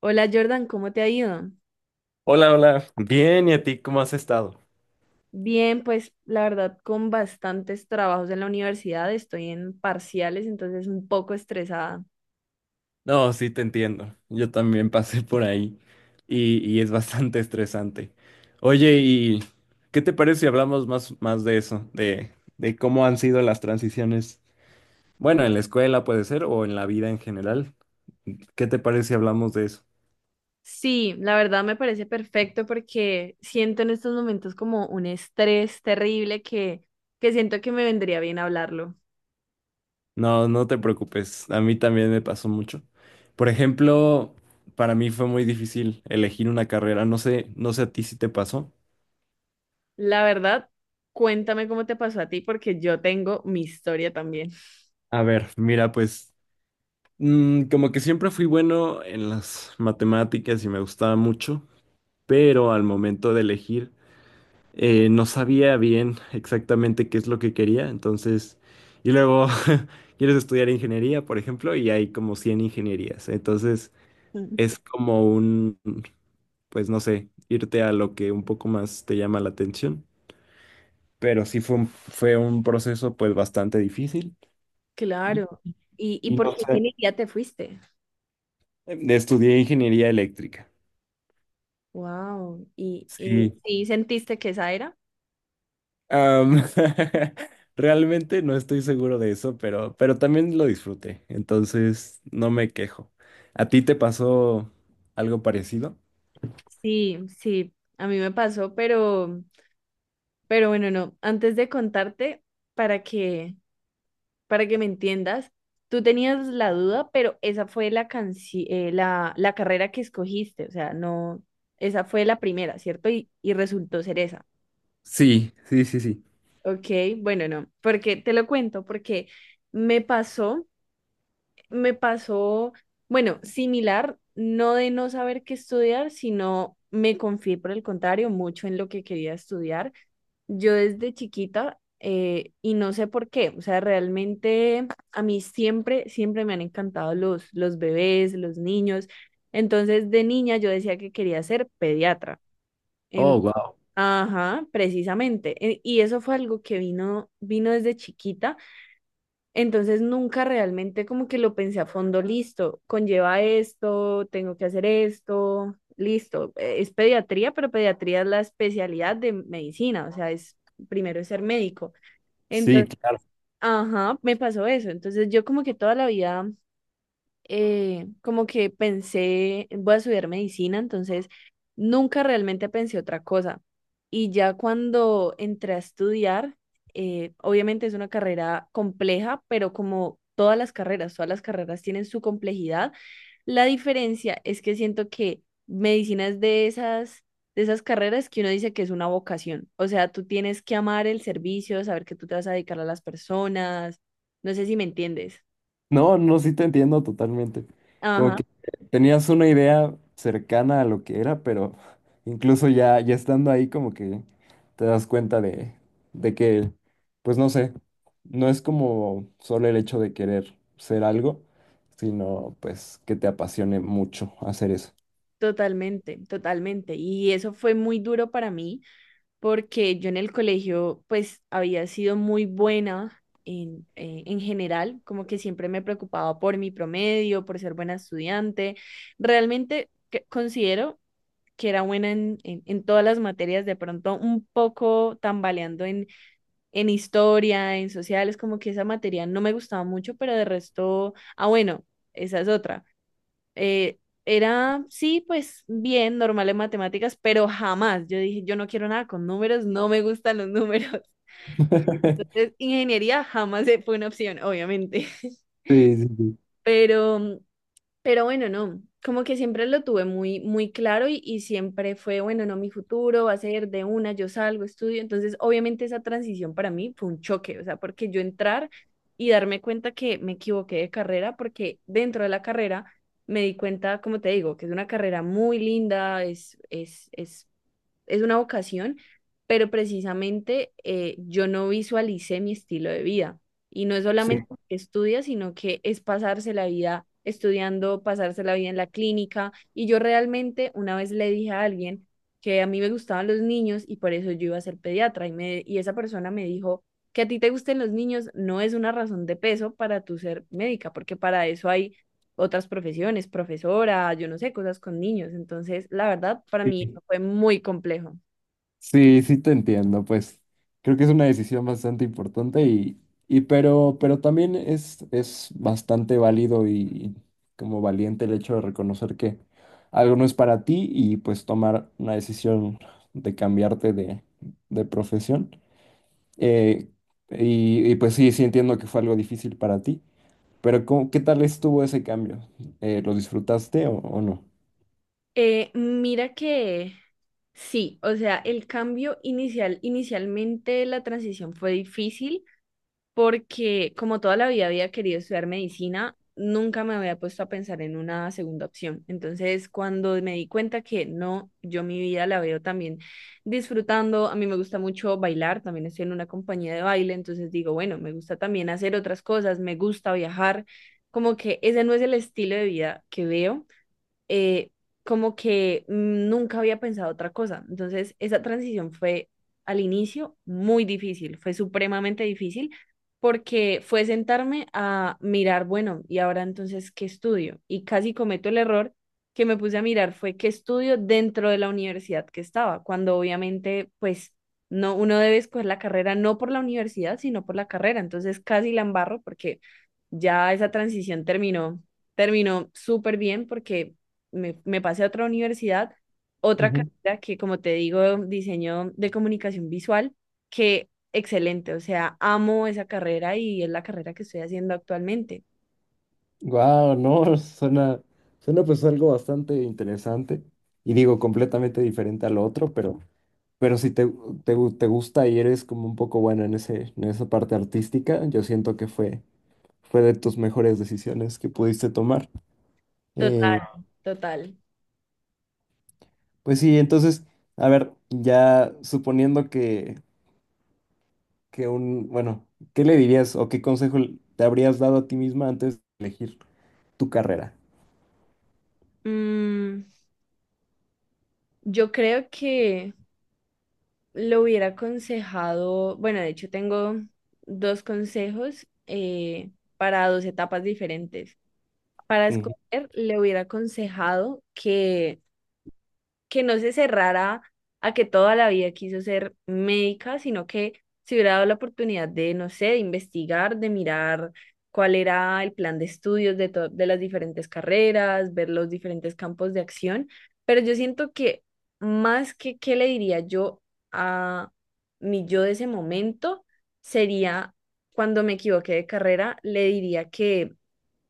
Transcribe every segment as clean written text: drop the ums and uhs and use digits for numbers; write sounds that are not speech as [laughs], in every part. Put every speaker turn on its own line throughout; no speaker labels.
Hola Jordan, ¿cómo te ha ido?
Hola, hola. Bien, ¿y a ti cómo has estado?
Bien, pues la verdad con bastantes trabajos en la universidad, estoy en parciales, entonces un poco estresada.
No, sí, te entiendo. Yo también pasé por ahí y es bastante [laughs] estresante. Oye, ¿y qué te parece si hablamos más de eso? De cómo han sido las transiciones. Bueno, en la escuela puede ser o en la vida en general. ¿Qué te parece si hablamos de eso?
Sí, la verdad me parece perfecto porque siento en estos momentos como un estrés terrible que siento que me vendría bien hablarlo.
No, no te preocupes. A mí también me pasó mucho. Por ejemplo, para mí fue muy difícil elegir una carrera. No sé a ti si te pasó.
La verdad, cuéntame cómo te pasó a ti porque yo tengo mi historia también.
A ver, mira, pues. Como que siempre fui bueno en las matemáticas y me gustaba mucho, pero al momento de elegir no sabía bien exactamente qué es lo que quería, entonces, y luego [laughs] quieres estudiar ingeniería, por ejemplo, y hay como 100 ingenierías, entonces
Mm, [laughs]
es como un, pues no sé, irte a lo que un poco más te llama la atención, pero sí fue un proceso pues bastante difícil y,
Claro. Y
y
por
no
qué
sé,
ingeniería te fuiste?
estudié ingeniería eléctrica.
Wow. Y
Sí,
sí sentiste que esa era?
Am, [laughs] realmente no estoy seguro de eso, pero también lo disfruté, entonces no me quejo. ¿A ti te pasó algo parecido?
Sí, sí, a mí me pasó, pero bueno, no. Antes de contarte, para que, para que me entiendas, tú tenías la duda, pero esa fue la la carrera que escogiste, o sea, no, esa fue la primera, ¿cierto? Y resultó ser esa.
Sí, sí, sí, sí.
Ok, bueno, no, porque te lo cuento, porque me pasó, me pasó, bueno, similar, no de no saber qué estudiar, sino me confié por el contrario mucho en lo que quería estudiar. Yo desde chiquita, y no sé por qué, o sea, realmente a mí siempre, siempre me han encantado los bebés, los niños. Entonces, de niña yo decía que quería ser pediatra. En-
Oh, wow.
ajá, precisamente. Y eso fue algo que vino desde chiquita, entonces nunca realmente como que lo pensé a fondo, listo, conlleva esto, tengo que hacer esto, listo. Es pediatría, pero pediatría es la especialidad de medicina, o sea, es primero es ser médico.
Sí,
Entonces,
claro.
ajá, me pasó eso. Entonces yo como que toda la vida como que pensé, voy a estudiar medicina, entonces nunca realmente pensé otra cosa. Y ya cuando entré a estudiar, obviamente es una carrera compleja, pero como todas las carreras tienen su complejidad. La diferencia es que siento que medicina es de de esas carreras que uno dice que es una vocación. O sea, tú tienes que amar el servicio, saber que tú te vas a dedicar a las personas. No sé si me entiendes.
No, no, sí te entiendo totalmente. Como
Ajá.
que tenías una idea cercana a lo que era, pero incluso ya, ya estando ahí, como que te das cuenta de que, pues no sé, no es como solo el hecho de querer ser algo, sino pues que te apasione mucho hacer eso.
Totalmente, totalmente. Y eso fue muy duro para mí porque yo en el colegio pues había sido muy buena en general, como que siempre me preocupaba por mi promedio, por ser buena estudiante. Realmente considero que era buena en todas las materias, de pronto un poco tambaleando en historia, en sociales, como que esa materia no me gustaba mucho, pero de resto, ah, bueno, esa es otra. Eh, sí, pues bien, normal en matemáticas, pero jamás. Yo dije, yo no quiero nada con números, no me gustan los números. [laughs]
[laughs]
Entonces, ingeniería jamás fue una opción, obviamente. [laughs]
Sí, sí,
Pero pero bueno, no, como que siempre lo tuve muy, muy claro y siempre fue, bueno, no, mi futuro va a ser de una, yo salgo, estudio. Entonces, obviamente esa transición para mí fue un choque, o sea, porque yo entrar y darme cuenta que me equivoqué de carrera, porque dentro de la carrera me di cuenta, como te digo, que es una carrera muy linda, es una vocación, pero precisamente yo no visualicé mi estilo de vida. Y no es
sí.
solamente que estudia, sino que es pasarse la vida estudiando, pasarse la vida en la clínica. Y yo realmente una vez le dije a alguien que a mí me gustaban los niños y por eso yo iba a ser pediatra. Y esa persona me dijo que a ti te gusten los niños no es una razón de peso para tu ser médica, porque para eso hay otras profesiones, profesora, yo no sé, cosas con niños. Entonces, la verdad, para mí eso
[laughs] Sí.
fue muy complejo.
Sí, sí te entiendo, pues creo que es una decisión bastante importante y pero también es bastante válido y como valiente el hecho de reconocer que algo no es para ti y pues tomar una decisión de cambiarte de profesión. Eh, y, pues sí, sí entiendo que fue algo difícil para ti, pero ¿cómo- qué tal estuvo ese cambio? ¿Lo disfrutaste o
Mira que sí, o sea, el cambio inicialmente la transición fue difícil porque como toda la vida había querido estudiar medicina, nunca me había puesto a pensar en una segunda opción. Entonces, cuando me di cuenta que no, yo mi vida la veo también disfrutando, a mí me gusta mucho bailar, también estoy en una compañía de baile, entonces digo, bueno, me gusta también hacer otras cosas, me gusta viajar, como que ese no es el estilo de vida que veo, eh, como que mm, nunca había pensado otra cosa. Entonces, esa transición fue al inicio muy difícil, fue supremamente difícil porque fue sentarme a mirar, bueno, y ahora entonces, ¿qué estudio? Y casi cometo el error que me puse a mirar fue qué estudio dentro de la universidad que estaba, cuando obviamente, pues, no, uno debe escoger la carrera no por la universidad, sino por la carrera. Entonces, casi la embarro porque ya esa transición terminó súper bien porque me pasé a otra universidad, otra
no?
carrera que, como te digo, diseño de comunicación visual, que excelente, o sea, amo esa carrera y es la carrera que estoy haciendo actualmente.
Wow, no, [laughs] suena, suena pues algo bastante interesante y digo completamente diferente al otro, pero si te, te, gu- te gusta y eres como un poco buena en ese, en esa parte artística, yo siento que fue, fue de tus mejores decisiones que pudiste tomar. Eh,
Total, total.
pues sí, entonces, a ver, ya suponiendo que un, bueno, ¿qué le dirías o qué consejo te habrías dado a ti misma antes de elegir tu carrera?
Mm, yo creo que lo hubiera aconsejado, bueno, de hecho tengo dos consejos, para dos etapas diferentes. Para
Ujú.
escoger, le hubiera aconsejado que no se cerrara a que toda la vida quiso ser médica, sino que se hubiera dado la oportunidad de, no sé, de investigar, de mirar cuál era el plan de estudios de, de las diferentes carreras, ver los diferentes campos de acción. Pero yo siento que más que qué le diría yo a mi yo de ese momento, sería cuando me equivoqué de carrera, le diría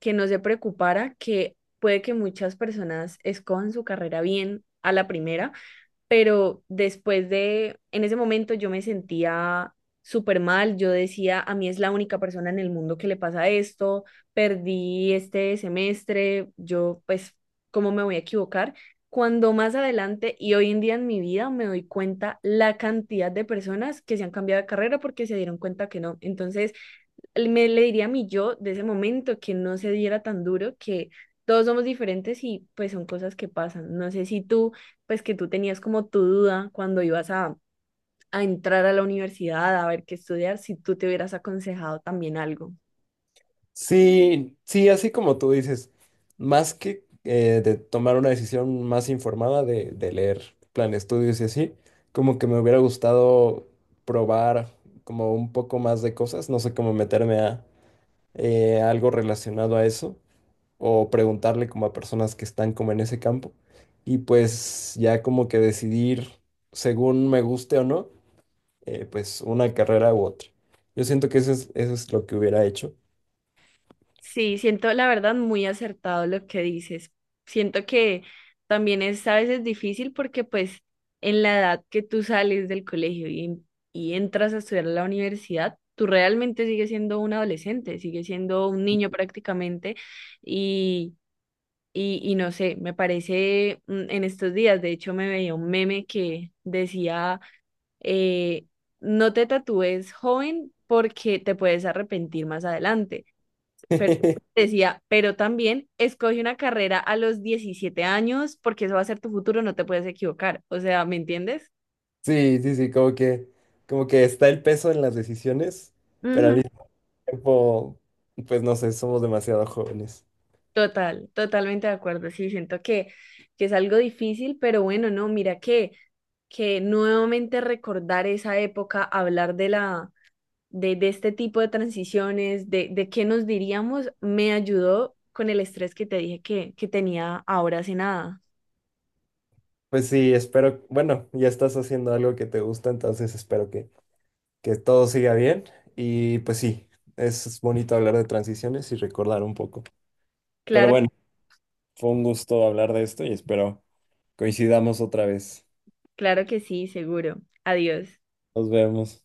que no se preocupara, que puede que muchas personas escojan su carrera bien a la primera, pero después de, en ese momento yo me sentía súper mal, yo decía, a mí es la única persona en el mundo que le pasa esto, perdí este semestre, yo pues, ¿cómo me voy a equivocar? Cuando más adelante y hoy en día en mi vida me doy cuenta la cantidad de personas que se han cambiado de carrera porque se dieron cuenta que no. Entonces, me le diría a mi yo de ese momento que no se diera tan duro, que todos somos diferentes y pues son cosas que pasan. No sé si tú, pues que tú tenías como tu duda cuando ibas a entrar a la universidad, a ver qué estudiar, si tú te hubieras aconsejado también algo.
Sí, sí, así como tú dices, más que de tomar una decisión más informada de leer plan de estudios y así, como que me hubiera gustado probar como un poco más de cosas, no sé cómo meterme a, algo relacionado a eso o preguntarle como a personas que están como en ese campo y pues ya como que decidir según me guste o no, pues una carrera u otra. Yo siento que eso es lo que hubiera hecho.
Sí, siento la verdad muy acertado lo que dices. Siento que también es a veces difícil porque pues en la edad que tú sales del colegio y entras a estudiar a la universidad, tú realmente sigues siendo un adolescente, sigues siendo un niño prácticamente y, y no sé, me parece mm, en estos días, de hecho me veía un meme que decía, eh, no te tatúes joven porque te puedes arrepentir más adelante. Pero
[laughs]
decía, pero también escoge una carrera a los 17 años porque eso va a ser tu futuro, no te puedes equivocar. O sea, ¿me entiendes?
Sí, sí, sí, como que está el peso en las decisiones, pero al
Ujú.
mismo tiempo, pues no sé, somos demasiado jóvenes.
Total, totalmente de acuerdo. Sí, siento que es algo difícil, pero bueno, no, mira que nuevamente recordar esa época, hablar de de este tipo de transiciones, de qué nos diríamos, me ayudó con el estrés que te dije que tenía ahora hace nada.
Pues sí, espero, bueno, ya estás haciendo algo que te gusta, entonces espero que todo siga bien. Y pues sí, es bonito hablar de transiciones y recordar un poco. Pero
Claro,
bueno, fue un gusto hablar de esto y espero coincidamos otra vez.
claro que sí, seguro. Adiós.
Nos vemos.